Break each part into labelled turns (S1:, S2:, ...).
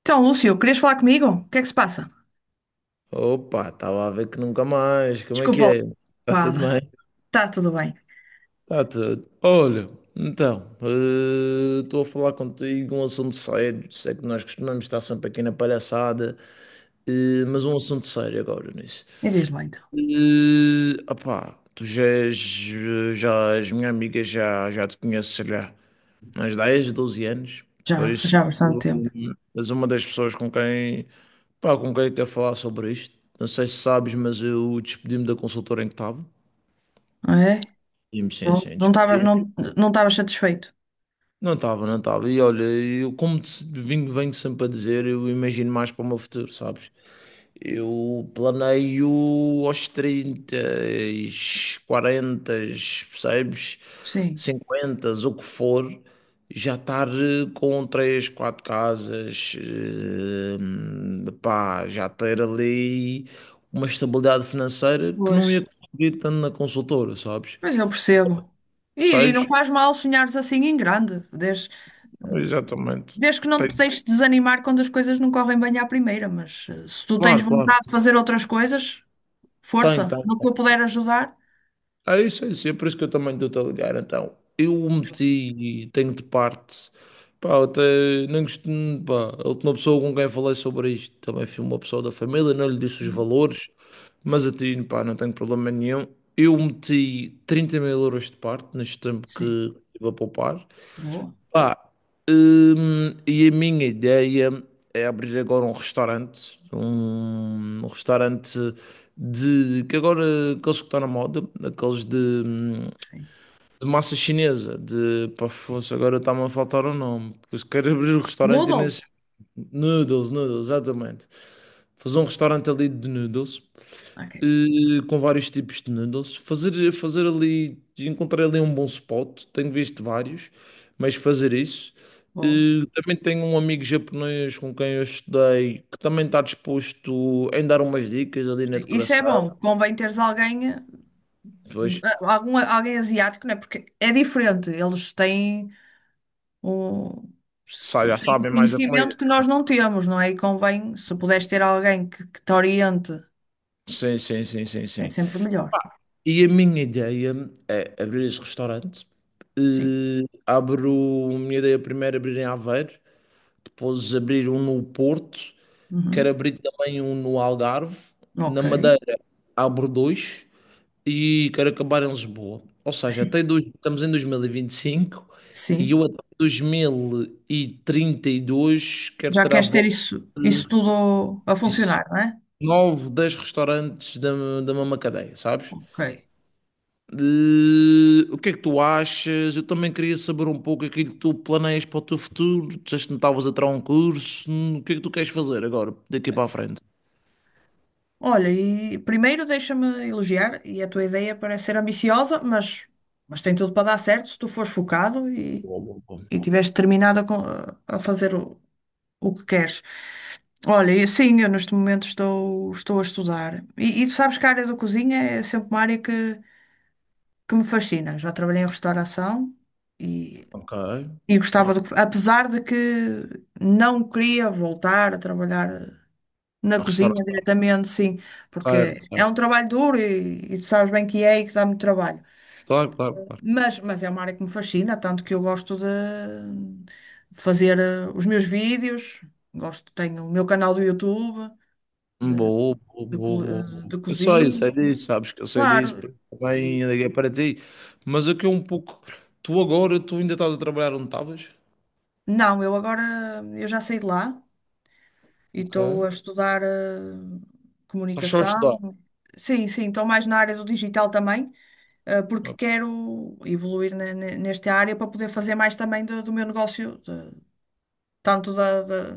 S1: Então, Lúcio, querias falar comigo? O que é que se passa?
S2: Opa, estava a ver que nunca mais. Como é que
S1: Desculpa lá,
S2: é? Está tudo
S1: fala.
S2: bem?
S1: Está tudo bem.
S2: Está tudo. Olha, então, estou a falar contigo um assunto sério. Sei que nós costumamos estar sempre aqui na palhaçada, mas um assunto sério agora nisso.
S1: E diz lá então.
S2: Opá, tu já és minha amiga, já te conheço, sei lá, há uns 10, 12 anos. Por
S1: Já,
S2: isso,
S1: já há bastante
S2: tu
S1: tempo.
S2: és uma das pessoas com quem. Pá, com quem é que quer falar sobre isto? Não sei se sabes, mas eu despedi-me da consultora em que estava.
S1: Não é?
S2: E-me sim,
S1: Não
S2: sim,
S1: não estava
S2: despedi.
S1: não, não estava satisfeito.
S2: Não estava, não estava. E olha, eu como te, venho sempre a dizer, eu imagino mais para o meu futuro, sabes? Eu planeio aos 30, 40, percebes?
S1: Sim.
S2: 50, o que for, já estar com 3, 4 casas, pá, já ter ali uma estabilidade financeira que
S1: Pois.
S2: não ia conseguir tanto na consultora, sabes?
S1: Mas eu percebo. E não
S2: Sabes?
S1: faz mal sonhares assim em grande.
S2: Exatamente.
S1: Desde que não te
S2: Tem,
S1: deixes desanimar quando as coisas não correm bem à primeira, mas se tu tens
S2: claro, claro.
S1: vontade de fazer outras coisas,
S2: Tem,
S1: força,
S2: tem.
S1: no que eu puder ajudar.
S2: É isso, é isso. É por isso que eu também estou-te a ligar. Então, eu o meti, e tenho de parte. Pá, eu até nem gostei. Pá, a última pessoa com quem falei sobre isto também foi uma pessoa da família, não lhe disse os valores, mas a ti, pá, não tenho problema nenhum. Eu meti 30.000 euros de parte neste tempo que
S1: Sim,
S2: estive a poupar.
S1: boa,
S2: Pá, e a minha ideia é abrir agora um restaurante, um restaurante de que agora aqueles que estão na moda, aqueles
S1: sim.
S2: de massa chinesa, de pá, fosse, agora está-me a faltar o nome, porque se quero abrir um restaurante e nem sei-
S1: Noodles?
S2: noodles, noodles, exatamente. Fazer um restaurante ali de noodles
S1: Ok,
S2: com vários tipos de noodles. Fazer ali, encontrar ali um bom spot, tenho visto vários, mas fazer isso.
S1: boa.
S2: Também tenho um amigo japonês com quem eu estudei que também está disposto em dar umas dicas ali na
S1: Isso é
S2: decoração.
S1: bom, convém teres alguém,
S2: Depois
S1: alguém asiático, não é? Porque é diferente, eles têm um,
S2: sa- já
S1: têm um
S2: sabem mais da comida.
S1: conhecimento que nós não temos, não é? E convém, se puderes ter alguém que te oriente,
S2: Sim, sim, sim, sim,
S1: é
S2: sim.
S1: sempre melhor.
S2: E a minha ideia é abrir esse restaurante.
S1: Sim.
S2: Abro, a minha ideia primeiro é abrir em Aveiro, depois abrir um no Porto. Quero
S1: Uhum.
S2: abrir também um no Algarve. Na
S1: Ok,
S2: Madeira abro dois e quero acabar em Lisboa. Ou seja, até dois, estamos em 2025 e vinte e cinco e
S1: sim.
S2: eu até 2032 quero
S1: Já
S2: ter à
S1: queres ter
S2: volta
S1: isso tudo a
S2: disso.
S1: funcionar, não é?
S2: 9, 10 restaurantes da, da mesma cadeia, sabes?
S1: Ok.
S2: De- o que é que tu achas? Eu também queria saber um pouco aquilo que tu planeias para o teu futuro. Disseste que não estavas a tirar um curso. O que é que tu queres fazer agora, daqui para a frente?
S1: Olha, e primeiro deixa-me elogiar, e a tua ideia parece ser ambiciosa, mas tem tudo para dar certo se tu fores focado e,
S2: Boa, boa, boa.
S1: e tiveres determinado a fazer o que queres. Olha, e sim, eu neste momento estou a estudar. E tu sabes que a área da cozinha é sempre uma área que me fascina. Já trabalhei em restauração e,
S2: Ok.
S1: e gostava de, apesar de que não queria voltar a trabalhar na cozinha
S2: Restaurante,
S1: diretamente, sim,
S2: certo,
S1: porque é
S2: certo.
S1: um trabalho duro e tu sabes bem que é e que dá muito trabalho.
S2: Claro, claro, claro.
S1: Mas é uma área que me fascina, tanto que eu gosto de fazer os meus vídeos, gosto, tenho o meu canal do YouTube
S2: Boa, boa,
S1: de,
S2: boa,
S1: co-
S2: boa,
S1: eh,
S2: boa.
S1: de
S2: Eu sei
S1: cozinha,
S2: disso, sabes que eu sei disso,
S1: claro.
S2: porque também
S1: E,
S2: liguei para ti. Mas aqui é um pouco. Tu agora, tu ainda estás a trabalhar onde estavas?
S1: não, eu agora eu já saí de lá e
S2: Ok.
S1: estou a estudar
S2: Estás só a estudar.
S1: comunicação. Sim, sim, estou mais na área do digital também. Porque
S2: Ok?
S1: quero evoluir nesta área para poder fazer mais também do meu negócio, tanto da.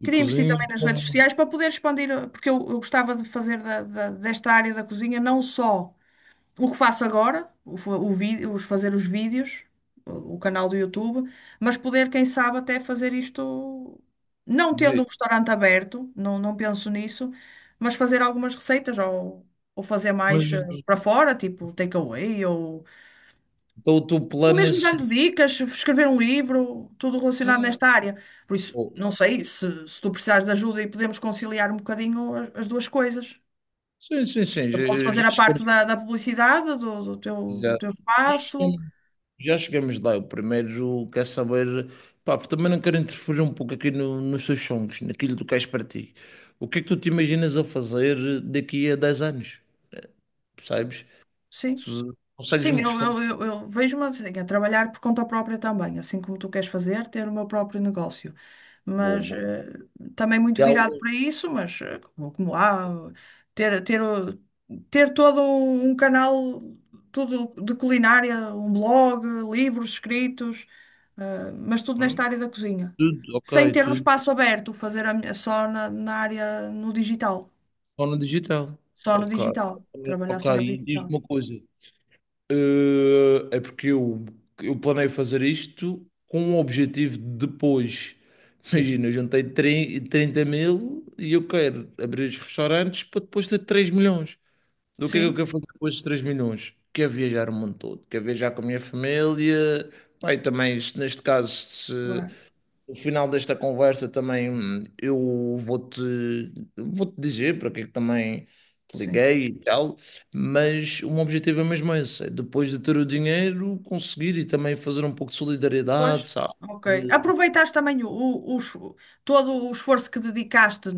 S2: De
S1: Queria investir também
S2: cozinha,
S1: nas redes
S2: como
S1: sociais para poder expandir, porque eu gostava de fazer desta área da cozinha não só o que faço agora, o, fa- o vi- os fazer os vídeos, o canal do YouTube, mas poder, quem sabe, até fazer isto não tendo um
S2: devia.
S1: restaurante aberto, não, não penso nisso, mas fazer algumas receitas ou fazer
S2: Mas
S1: mais para fora, tipo takeaway ou
S2: então, o teu
S1: Ou
S2: plano
S1: mesmo
S2: nesse.
S1: dando dicas, escrever um livro, tudo relacionado
S2: Ah,
S1: nesta área. Por isso,
S2: oh.
S1: não sei se tu precisares de ajuda e podemos conciliar um bocadinho as duas coisas.
S2: Sim, sim, sim,
S1: Eu posso
S2: já, já
S1: fazer a parte da publicidade, do teu espaço,
S2: cheguei. Já chegamos lá. O primeiro quer saber, pá, porque também não quero interferir um pouco aqui no- nos teus sonhos, naquilo que tu queres para ti. O que é que tu te imaginas a fazer daqui a 10 anos? Percebes?
S1: sim.
S2: Tu
S1: Sim,
S2: consegues-me
S1: eu,
S2: responder?
S1: eu, eu, eu vejo-me assim, a trabalhar por conta própria também, assim como tu queres fazer, ter o meu próprio negócio.
S2: Bom,
S1: Mas
S2: bom.
S1: também
S2: E
S1: muito virado
S2: alguns,
S1: para isso, mas como, como há, ter, ter, o- ter todo um canal, tudo de culinária, um blog, livros escritos, mas tudo
S2: Hum?
S1: nesta área da cozinha.
S2: Tudo, ok,
S1: Sem ter um
S2: tudo
S1: espaço aberto, fazer só na área no digital.
S2: só no digital.
S1: Só no
S2: Ok,
S1: digital. Trabalhar
S2: ok.
S1: só no
S2: E diz-me
S1: digital.
S2: uma coisa. É porque eu planei fazer isto com o objetivo de depois. Imagina, eu juntei 30 mil e eu quero abrir os restaurantes para depois ter 3 milhões. Então, o que é que eu
S1: Sim,
S2: quero fazer com esses 3 milhões? Quero viajar o mundo todo, quero viajar com a minha família. Pai, também, se neste caso,
S1: claro.
S2: no final desta conversa também eu vou-te dizer para que é que também te
S1: Sim.
S2: liguei e tal, mas o meu objetivo é mesmo esse, é depois de ter o dinheiro conseguir e também fazer um pouco de solidariedade,
S1: Pois,
S2: sabe?
S1: ok.
S2: De-
S1: Aproveitaste também todo o esforço que dedicaste,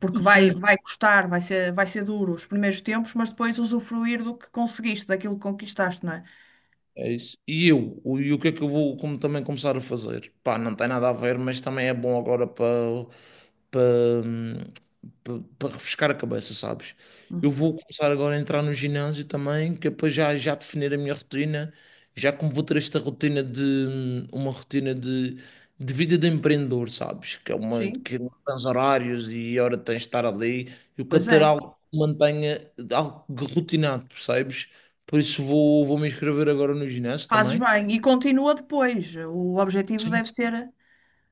S1: porque vai,
S2: sim.
S1: vai custar, vai ser duro os primeiros tempos, mas depois usufruir do que conseguiste, daquilo que conquistaste, não é?
S2: É isso. E eu, o, e o que é que eu vou como, também começar a fazer? Pá, não tem nada a ver, mas também é bom agora para para refrescar a cabeça, sabes? Eu
S1: Uhum.
S2: vou começar agora a entrar no ginásio também, que é para já, já definir a minha rotina, já como vou ter esta rotina de uma rotina de vida de empreendedor, sabes? Que é uma
S1: Sim,
S2: que não tens horários e hora tens de estar ali. Eu quero
S1: Pois
S2: ter
S1: é.
S2: algo que mantenha algo rotinado, percebes? Por isso vou, me inscrever agora no ginásio
S1: Fazes
S2: também.
S1: bem. E continua depois. O objetivo
S2: Sim,
S1: deve ser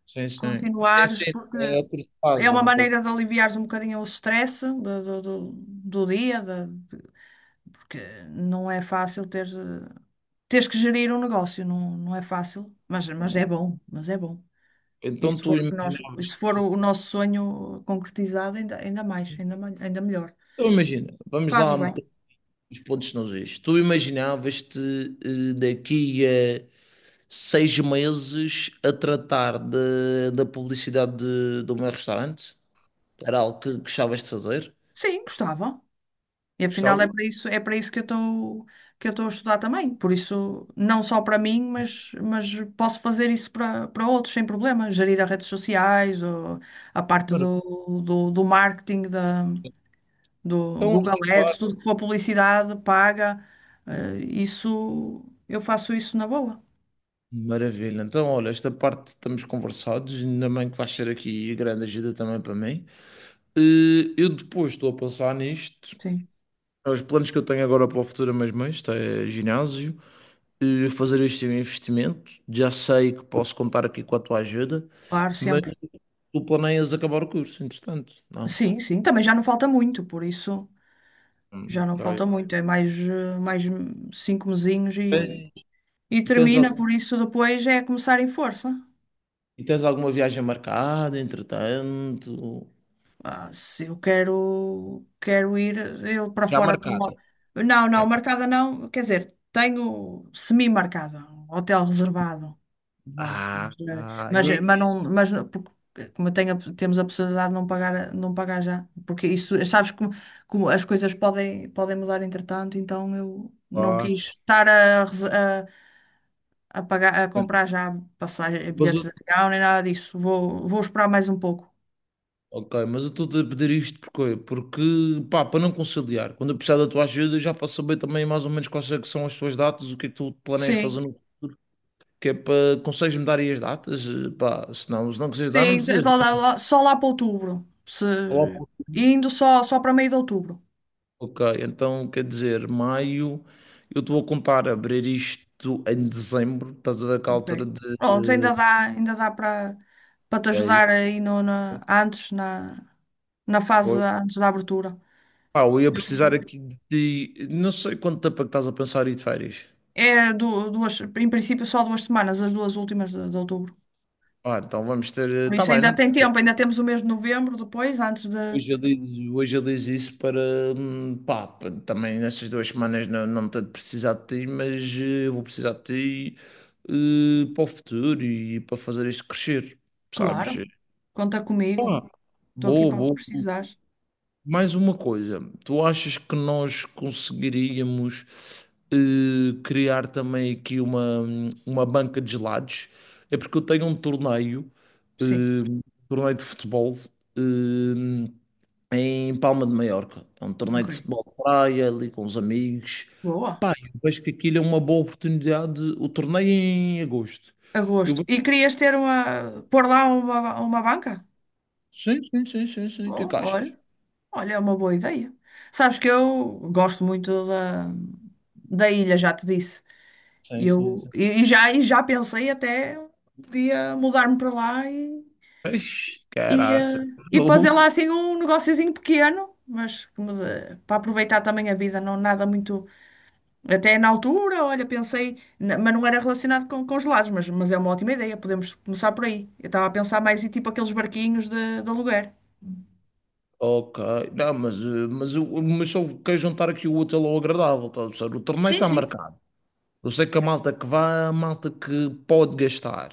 S2: sim, sim. Sim, sim.
S1: continuares, porque
S2: É a curto
S1: é
S2: prazo, é
S1: uma
S2: uma coisa.
S1: maneira de aliviares um bocadinho o stress do dia, porque não é fácil teres que gerir um negócio. Não, não é fácil, mas,
S2: Que eu
S1: mas
S2: não-
S1: é bom, mas é bom. E
S2: então
S1: se
S2: tu
S1: for o que nós, e
S2: imaginavas.
S1: se for o nosso sonho concretizado, ainda, ainda mais, ainda melhor.
S2: Então, imagina, vamos lá
S1: Fazes
S2: meter
S1: bem.
S2: os pontos nos is. Tu imaginavas-te daqui a 6 meses a tratar de- da publicidade de, do meu restaurante? Era algo que gostavas de fazer?
S1: Sim, gostava. E afinal é
S2: Gostava?
S1: para isso, é para isso que eu estou a estudar também. Por isso, não só para mim, mas posso fazer isso para outros sem problema. Gerir as redes sociais, ou a parte do,
S2: Maravilha.
S1: do, do marketing, do
S2: Então,
S1: Google
S2: esta
S1: Ads,
S2: parte.
S1: tudo que for publicidade paga, isso eu faço isso na boa.
S2: Maravilha. Então, olha, esta parte estamos conversados, ainda bem que vais ser aqui grande ajuda também para mim. Eu depois estou a pensar nisto.
S1: Sim,
S2: Os planos que eu tenho agora para o futuro é mesmo este, é ginásio. Fazer este investimento. Já sei que posso contar aqui com a tua ajuda,
S1: claro,
S2: mas
S1: sempre.
S2: tu planeias acabar o curso, entretanto, não?
S1: Sim, sim, também já não falta muito, por isso já não
S2: Ok.
S1: falta muito, mais 5 mesinhos e,
S2: Eh,
S1: e
S2: e tens
S1: termina,
S2: algum,
S1: por isso depois é começar em força.
S2: e tens alguma viagem marcada, entretanto?
S1: Ah, se eu quero, ir eu para
S2: Já
S1: fora.
S2: marcada.
S1: Não, não,
S2: Já.
S1: marcada não. Quer dizer, tenho semi-marcada, um hotel reservado. Vá.
S2: Ah, ah, e,
S1: Porque, como eu tenho, temos a possibilidade de não pagar, não pagar já. Porque isso, sabes como as coisas podem mudar entretanto, então eu não
S2: claro.
S1: quis estar a pagar, a comprar já passagem,
S2: Mas
S1: bilhetes
S2: eu-
S1: de avião, nem nada disso. Vou esperar mais um pouco.
S2: ok, mas eu estou-te a pedir isto porque, porque pá, para não conciliar, quando eu precisar da tua ajuda, já para saber também mais ou menos quais é que são as tuas datas, o que é que tu planeias fazer
S1: Sim.
S2: no futuro, que é para consegues-me dar aí as datas? Pá, se não, se não quiseres dar, não
S1: Sim,
S2: precisas dar.
S1: só lá para outubro.
S2: Olá,
S1: Se...
S2: pô.
S1: Indo só para meio de outubro.
S2: Ok, então quer dizer, maio, eu estou a contar abrir isto em dezembro, estás a ver que a
S1: Ok.
S2: altura de.
S1: Pronto, ainda dá para te
S2: É,
S1: ajudar aí no, na, antes, na, na fase
S2: foi.
S1: da- antes da abertura.
S2: Pá, eu ia precisar
S1: Eu-
S2: aqui de. Não sei quanto tempo é que estás a pensar ir de férias.
S1: duas, em princípio, só duas semanas, as duas últimas de outubro.
S2: Ah, então vamos ter.
S1: Por
S2: Está
S1: isso
S2: bem,
S1: ainda
S2: não
S1: tem tempo, ainda temos o mês de novembro depois, antes de.
S2: hoje eu diz, hoje eu diz isso para, pá, pa- também nessas duas semanas não, não tanto precisar de ti, mas eu vou precisar de ti para o futuro e para fazer isto crescer, sabes?
S1: Claro, conta comigo.
S2: Ah,
S1: Estou aqui
S2: boa,
S1: para o que
S2: boa. Boa.
S1: precisares.
S2: Mais uma coisa, tu achas que nós conseguiríamos criar também aqui uma banca de gelados? É porque eu tenho um torneio, eh,
S1: Sim,
S2: um torneio de futebol. eh, em Palma de Maiorca. É um torneio
S1: ok.
S2: de futebol de praia, ali com os amigos.
S1: Boa.
S2: Pá, eu vejo que aquilo é uma boa oportunidade. O torneio é em agosto. Eu
S1: Agosto.
S2: vejo...
S1: E querias ter pôr lá uma banca?
S2: Sim, sim, sim, sim, sim. O que é
S1: Bom,
S2: que achas?
S1: olha, é uma boa ideia. Sabes que eu gosto muito da ilha, já te disse.
S2: Sim,
S1: E
S2: sim,
S1: Eu,
S2: sim.
S1: e já pensei até podia mudar-me para lá
S2: Ixi,
S1: e,
S2: caraça.
S1: eh, e fazer lá assim um negociozinho pequeno, mas para aproveitar também a vida, não nada muito. Até na altura, olha, pensei, mas não era relacionado com os gelados, mas é uma ótima ideia, podemos começar por aí. Eu estava a pensar mais em tipo aqueles barquinhos de aluguer.
S2: Ok, não, mas, mas, eu- mas só quero juntar aqui o útil ao agradável, tá, a perceber? O torneio
S1: Sim,
S2: está
S1: sim.
S2: marcado. Eu sei que a malta que vai é a malta que pode gastar.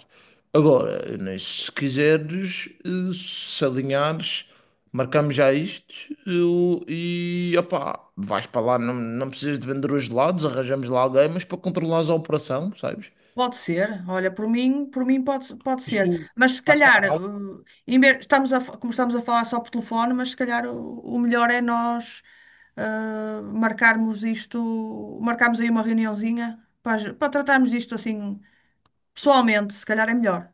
S2: Agora, né, se quiseres, se alinhares, marcamos já isto eu- e opá, vais para lá, não, não precisas de vender os gelados, arranjamos lá alguém, mas para controlares a operação, sabes?
S1: Pode ser, olha, por mim pode, pode
S2: Mas tu
S1: ser. Mas se
S2: vais estar
S1: calhar,
S2: lá.
S1: como estamos a falar só por telefone, mas se calhar o melhor é nós marcarmos aí uma reuniãozinha para tratarmos disto assim pessoalmente, se calhar é melhor.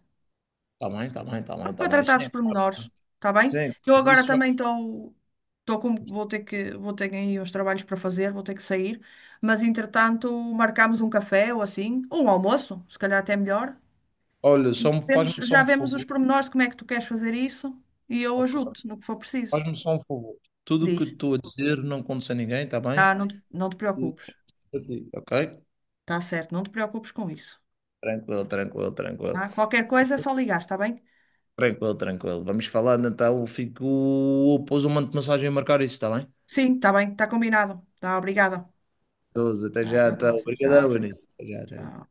S2: Está bem, está bem, está bem, está
S1: Para
S2: bem.
S1: tratar dos
S2: Sim, claro,
S1: pormenores,
S2: sim.
S1: está bem? Eu agora
S2: Isso vai.
S1: também estou, estou com, vou ter que, vou ter aí uns trabalhos para fazer, vou ter que sair, mas entretanto marcamos um café ou assim, ou um almoço, se calhar até melhor.
S2: Olha, só me- faz-me só
S1: Já
S2: um
S1: vemos os
S2: favor.
S1: pormenores de como é que tu queres fazer isso e eu
S2: Ok?
S1: ajudo-te no que for preciso.
S2: Faz-me só um favor. Tudo o que eu
S1: Diz,
S2: estou a dizer não acontece a ninguém, está bem?
S1: ah, não, não te
S2: E-
S1: preocupes,
S2: ok?
S1: está certo, não te preocupes com isso.
S2: Tranquilo, tranquilo, tranquilo.
S1: Tá? Qualquer coisa é só ligar, está bem?
S2: Tranquilo, tranquilo. Vamos falando então. Fico. Pôs um monte de mensagem a marcar isso, está bem?
S1: Sim, está bem, está combinado. Tá, obrigada.
S2: 12, até
S1: Tá, até
S2: já,
S1: a
S2: então.
S1: próxima. Tchau,
S2: Obrigadão,
S1: tchau.
S2: Benício. Até já, até já.
S1: Tchau.